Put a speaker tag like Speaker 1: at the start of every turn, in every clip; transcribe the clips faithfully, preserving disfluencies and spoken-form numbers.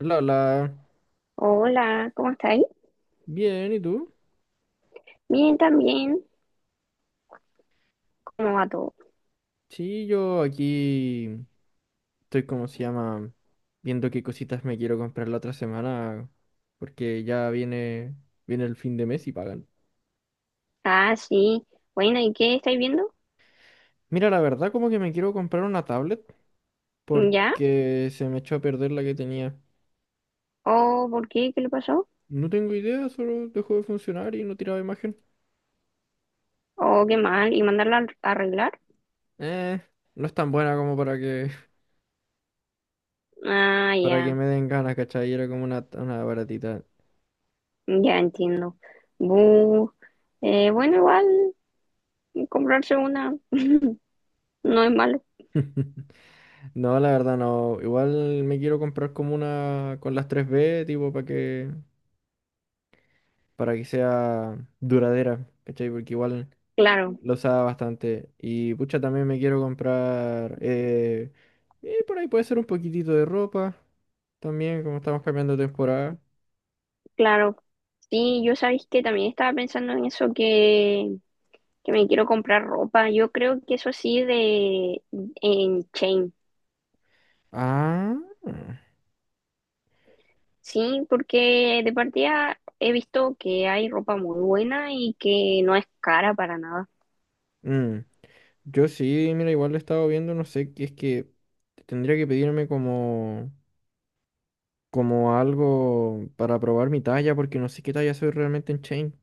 Speaker 1: La, la.
Speaker 2: Hola, ¿cómo estáis?
Speaker 1: Bien, ¿y tú?
Speaker 2: Bien, también. ¿Cómo va todo?
Speaker 1: Sí, yo aquí estoy, como se llama? Viendo qué cositas me quiero comprar la otra semana, porque ya viene, viene el fin de mes y pagan.
Speaker 2: Ah, sí. Bueno, ¿y qué estáis viendo?
Speaker 1: Mira, la verdad, como que me quiero comprar una tablet,
Speaker 2: ¿Ya?
Speaker 1: porque se me echó a perder la que tenía.
Speaker 2: ¿O por qué? ¿Qué le pasó?
Speaker 1: No tengo idea, solo dejó de funcionar y no tiraba imagen.
Speaker 2: ¿O qué mal? ¿Y mandarla al- a arreglar?
Speaker 1: Eh, no es tan buena como para que,
Speaker 2: Ah,
Speaker 1: para que
Speaker 2: ya.
Speaker 1: me den ganas, ¿cachai? Era como una, una baratita.
Speaker 2: Ya entiendo. Bu. Eh, bueno, igual comprarse una no es malo.
Speaker 1: No, la verdad no. Igual me quiero comprar como una con las tres b tipo, para que, para que sea duradera, ¿cachai? Porque igual
Speaker 2: Claro,
Speaker 1: lo usaba bastante. Y pucha, también me quiero comprar, eh, eh, por ahí puede ser un poquitito de ropa, también, como estamos cambiando de temporada.
Speaker 2: claro. Sí, yo sabéis que también estaba pensando en eso que, que me quiero comprar ropa. Yo creo que eso sí de en Chain.
Speaker 1: Ah,
Speaker 2: Sí, porque de partida he visto que hay ropa muy buena y que no es cara para nada.
Speaker 1: mm. Yo sí, mira, igual lo he estado viendo, no sé, que es que tendría que pedirme como... como algo para probar mi talla, porque no sé qué talla soy realmente en Chain,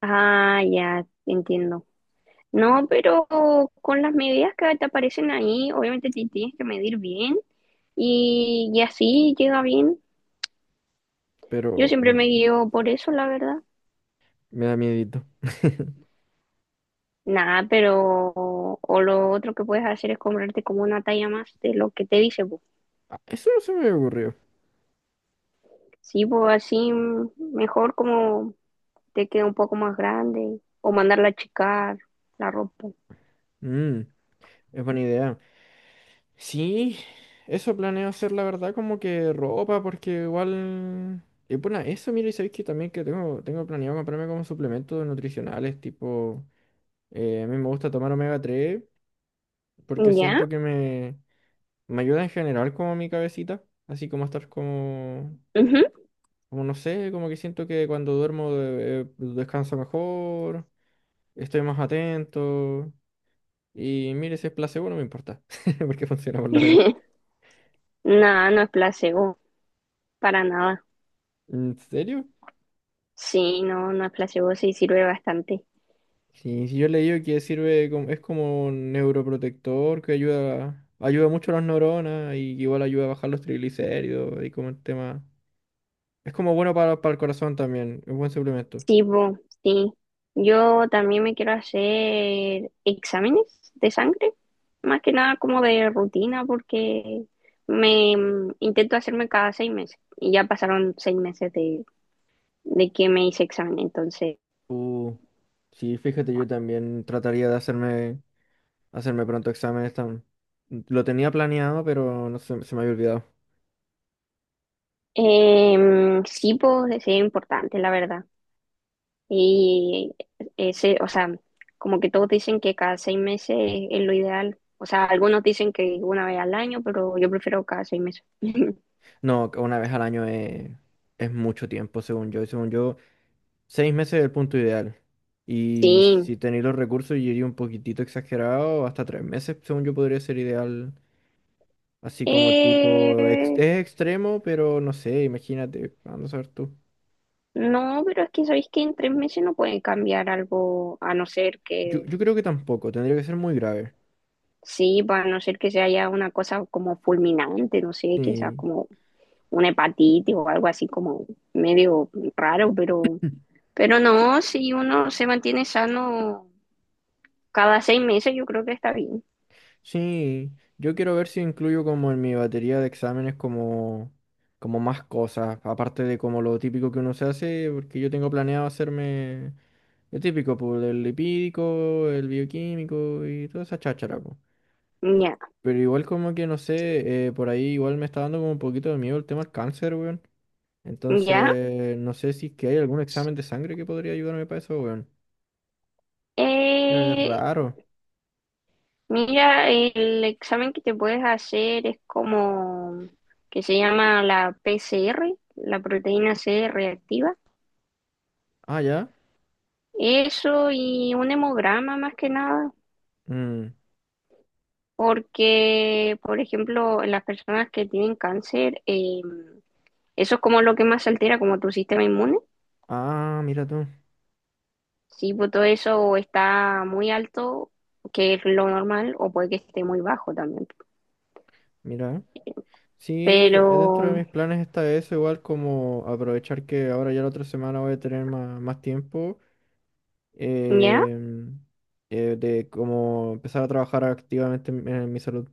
Speaker 2: Ah, ya entiendo. No, pero con las medidas que te aparecen ahí, obviamente te tienes que medir bien y, y así llega bien. Yo
Speaker 1: pero
Speaker 2: siempre
Speaker 1: mm,
Speaker 2: me guío por eso, la verdad.
Speaker 1: me da miedito.
Speaker 2: Nada, pero o lo otro que puedes hacer es comprarte como una talla más de lo que te dice, pues.
Speaker 1: Ah, eso no se me ocurrió.
Speaker 2: Sí, pues así mm, mejor como te quede un poco más grande o mandarla a achicar la ropa.
Speaker 1: Mm, es buena idea. Sí, eso planeo hacer, la verdad, como que ropa, porque igual... Y bueno, eso, mira, y sabéis que también que tengo, tengo planeado comprarme como suplementos nutricionales, tipo, eh, a mí me gusta tomar omega tres porque
Speaker 2: ¿Ya?
Speaker 1: siento que me, me ayuda en general como mi cabecita, así como estar como.
Speaker 2: Ujú.
Speaker 1: Como no sé, como que siento que cuando duermo eh, eh, descanso mejor, estoy más atento. Y mire, si es placebo no me importa, porque funciona por lo menos.
Speaker 2: Nada, no es placebo, para nada.
Speaker 1: ¿En serio?
Speaker 2: Sí, no, no es placebo, sí sirve bastante.
Speaker 1: Sí, sí, yo he leído que sirve, como- es como un neuroprotector que ayuda, ayuda mucho a las neuronas y igual ayuda a bajar los triglicéridos y como el tema. Es como bueno para, para el corazón también, es buen suplemento.
Speaker 2: Sí, bo, sí. Yo también me quiero hacer exámenes de sangre, más que nada como de rutina, porque me mm, intento hacerme cada seis meses y ya pasaron seis meses de, de que me hice examen, entonces.
Speaker 1: Uh, sí, fíjate, yo también trataría de hacerme. Hacerme pronto exámenes también. Lo tenía planeado, pero no sé, se me había olvidado.
Speaker 2: Em, sí, pues es importante, la verdad. Y ese, o sea, como que todos dicen que cada seis meses es lo ideal. O sea, algunos dicen que una vez al año, pero yo prefiero cada seis meses.
Speaker 1: No, que una vez al año es, es mucho tiempo, según yo. Y según yo, seis meses es el punto ideal. Y
Speaker 2: Sí.
Speaker 1: si tenéis los recursos, y iría un poquitito exagerado, hasta tres meses, según yo, podría ser ideal. Así como tipo, ex-
Speaker 2: Eh,
Speaker 1: es extremo, pero no sé, imagínate, anda a saber tú.
Speaker 2: no, pero es que sabéis que en tres meses no pueden cambiar algo, a no ser
Speaker 1: Yo,
Speaker 2: que,
Speaker 1: yo creo que tampoco, tendría que ser muy grave.
Speaker 2: sí, pues, a no ser que se haya una cosa como fulminante, no sé, quizás
Speaker 1: Sí,
Speaker 2: como una hepatitis o algo así como medio raro, pero, pero no, si uno se mantiene sano cada seis meses, yo creo que está bien.
Speaker 1: sí, yo quiero ver si incluyo como en mi batería de exámenes como, como más cosas, aparte de como lo típico que uno se hace, porque yo tengo planeado hacerme lo típico, pues, el lipídico, el bioquímico y toda esa cháchara, pues.
Speaker 2: Ya,
Speaker 1: Pero igual como que no sé, eh, por ahí igual me está dando como un poquito de miedo el tema del cáncer, weón.
Speaker 2: ya.
Speaker 1: Entonces, no sé si es que hay algún examen de sangre que podría ayudarme para eso, weón. Qué
Speaker 2: Eh,
Speaker 1: raro.
Speaker 2: Mira, el examen que te puedes hacer es como que se llama la P C R, la proteína C reactiva.
Speaker 1: Ah, ya.
Speaker 2: Eso y un hemograma más que nada,
Speaker 1: Mm.
Speaker 2: porque, por ejemplo, en las personas que tienen cáncer, eh, eso es como lo que más altera como tu sistema inmune.
Speaker 1: Ah, mira tú,
Speaker 2: Si pues, todo eso está muy alto, que es lo normal, o puede que esté muy bajo también.
Speaker 1: mira. Sí, eh, dentro de
Speaker 2: Pero,
Speaker 1: mis planes está eso, igual como aprovechar que ahora ya la otra semana voy a tener más, más tiempo,
Speaker 2: ¿ya?
Speaker 1: em, eh, de como empezar a trabajar activamente en, en mi salud.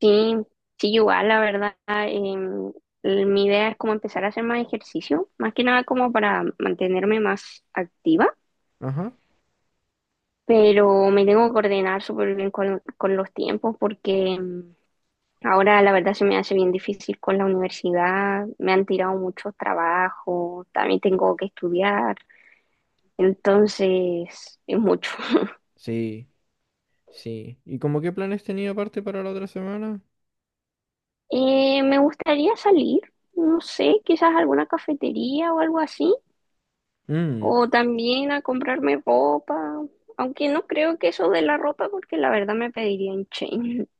Speaker 2: Sí, sí, igual, la verdad, em, l- mi idea es como empezar a hacer más ejercicio, más que nada como para mantenerme más activa,
Speaker 1: Ajá,
Speaker 2: pero me tengo que coordinar súper bien con, con los tiempos porque em, ahora la verdad se me hace bien difícil con la universidad, me han tirado muchos trabajos, también tengo que estudiar, entonces es mucho.
Speaker 1: sí, sí. ¿Y como qué planes tenía aparte para la otra semana?
Speaker 2: Eh, me gustaría salir, no sé, quizás a alguna cafetería o algo así.
Speaker 1: Mm.
Speaker 2: O también a comprarme ropa, aunque no creo que eso de la ropa, porque la verdad me pediría en chain.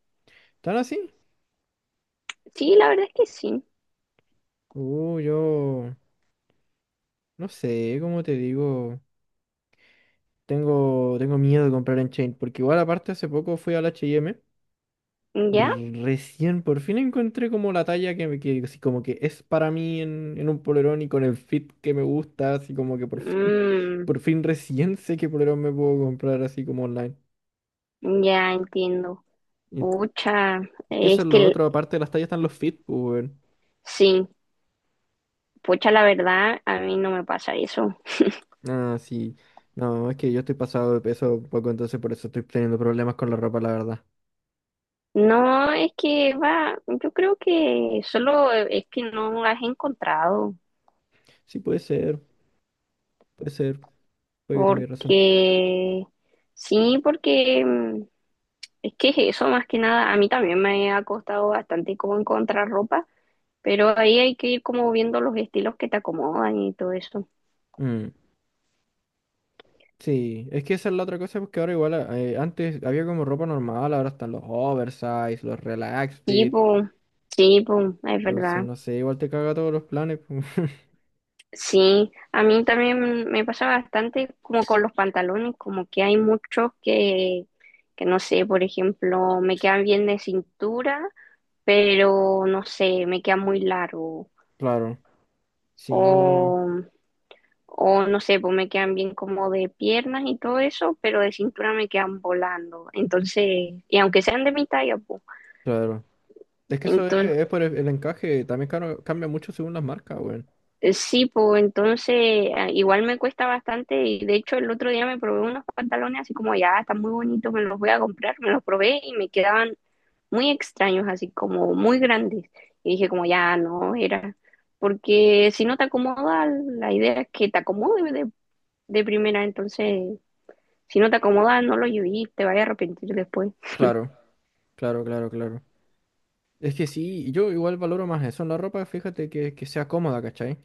Speaker 1: ¿Tan así?
Speaker 2: Sí, la verdad es que sí.
Speaker 1: Uh, yo no sé, como te digo, tengo, tengo miedo de comprar en Chain, porque igual aparte hace poco fui al H M. Y
Speaker 2: ¿Ya?
Speaker 1: recién por fin encontré como la talla que, me- que así como que es para mí en, en un polerón y con el fit que me gusta, así como que por fin,
Speaker 2: Mm,
Speaker 1: por fin recién sé qué polerón me puedo comprar así como online.
Speaker 2: ya entiendo.
Speaker 1: Y
Speaker 2: Pucha,
Speaker 1: que eso
Speaker 2: es
Speaker 1: es
Speaker 2: que
Speaker 1: lo
Speaker 2: el-
Speaker 1: otro, aparte de las tallas están los fit, pues weón.
Speaker 2: sí, pucha, la verdad, a mí no me pasa eso.
Speaker 1: Ah, sí. No, es que yo estoy pasado de peso un poco, entonces por eso estoy teniendo problemas con la ropa, la verdad.
Speaker 2: No, es que va, yo creo que solo es que no las he encontrado,
Speaker 1: Sí, puede ser, puede ser, puede que tengas razón.
Speaker 2: porque sí, porque... mm, es que eso más que nada, a mí también me ha costado bastante como encontrar ropa, pero ahí hay que ir como viendo los estilos que te acomodan y todo eso.
Speaker 1: Mm. Sí, es que esa es la otra cosa, porque ahora igual eh, antes había como ropa normal, ahora están los oversize, los relax
Speaker 2: Sí,
Speaker 1: fit,
Speaker 2: po, sí, po, es
Speaker 1: entonces
Speaker 2: verdad.
Speaker 1: no sé, igual te caga todos los planes.
Speaker 2: Sí, a mí también me pasa bastante como con los pantalones, como que hay muchos que, que no sé, por ejemplo, me quedan bien de cintura, pero no sé, me quedan muy largo.
Speaker 1: Claro,
Speaker 2: o
Speaker 1: sí,
Speaker 2: O no sé, pues me quedan bien como de piernas y todo eso, pero de cintura me quedan volando. Entonces, y aunque sean de mi talla, pues,
Speaker 1: claro. Es que eso es,
Speaker 2: entonces,
Speaker 1: es por el, el encaje, también caro- cambia mucho según las marcas, weón.
Speaker 2: eh, sí, pues entonces eh, igual me cuesta bastante. Y de hecho el otro día me probé unos pantalones así como ya, están muy bonitos, me los voy a comprar. Me los probé y me quedaban muy extraños, así como muy grandes. Y dije como ya no, era, porque si no te acomoda, la idea es que te acomode de, de primera, entonces si no te acomoda, no lo lleves, te vayas a arrepentir después.
Speaker 1: Claro, claro, claro, claro. Es que sí, yo igual valoro más eso en la ropa, fíjate que, que sea cómoda, ¿cachai?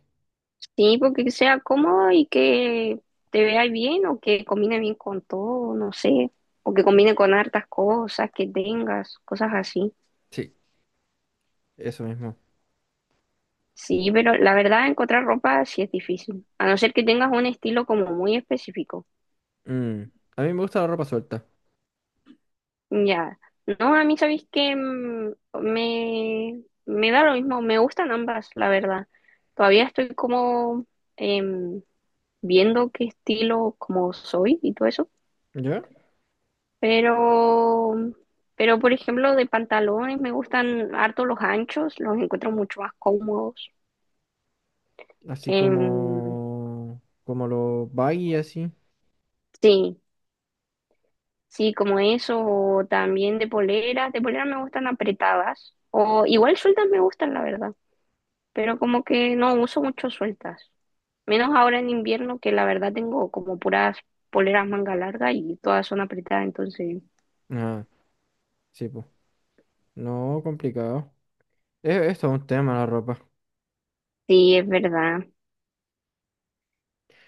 Speaker 2: Sí, porque sea cómodo y que te vea bien o que combine bien con todo, no sé, o que combine con hartas cosas que tengas, cosas así.
Speaker 1: Sí, eso mismo.
Speaker 2: Sí, pero la verdad encontrar ropa sí es difícil, a no ser que tengas un estilo como muy específico.
Speaker 1: Mm, a mí me gusta la ropa suelta,
Speaker 2: Ya, no, a mí sabéis que me, me da lo mismo, me gustan ambas, la verdad. Todavía estoy como em, viendo qué estilo como soy y todo eso.
Speaker 1: ¿ya?
Speaker 2: Pero, pero por ejemplo, de pantalones me gustan harto los anchos, los encuentro mucho más cómodos.
Speaker 1: Así
Speaker 2: Em,
Speaker 1: como, como los baggy, así.
Speaker 2: sí, sí, como eso, o también de poleras, de poleras me gustan apretadas, o igual sueltas me gustan, la verdad, pero como que no uso mucho sueltas, menos ahora en invierno que la verdad tengo como puras poleras manga larga y todas son apretadas, entonces
Speaker 1: Ah, sí, pues. No, complicado. Es, es todo un tema la ropa.
Speaker 2: sí, es verdad.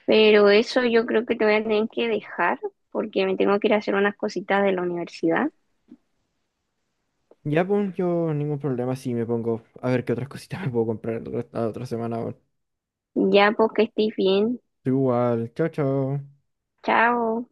Speaker 2: Pero eso yo creo que te voy a tener que dejar porque me tengo que ir a hacer unas cositas de la universidad.
Speaker 1: Ya, pues, yo ningún problema si me pongo a ver qué otras cositas me puedo comprar la otra la otra semana. Weón.
Speaker 2: Ya, pues que estés bien.
Speaker 1: Tú igual, chao, chao.
Speaker 2: Chao.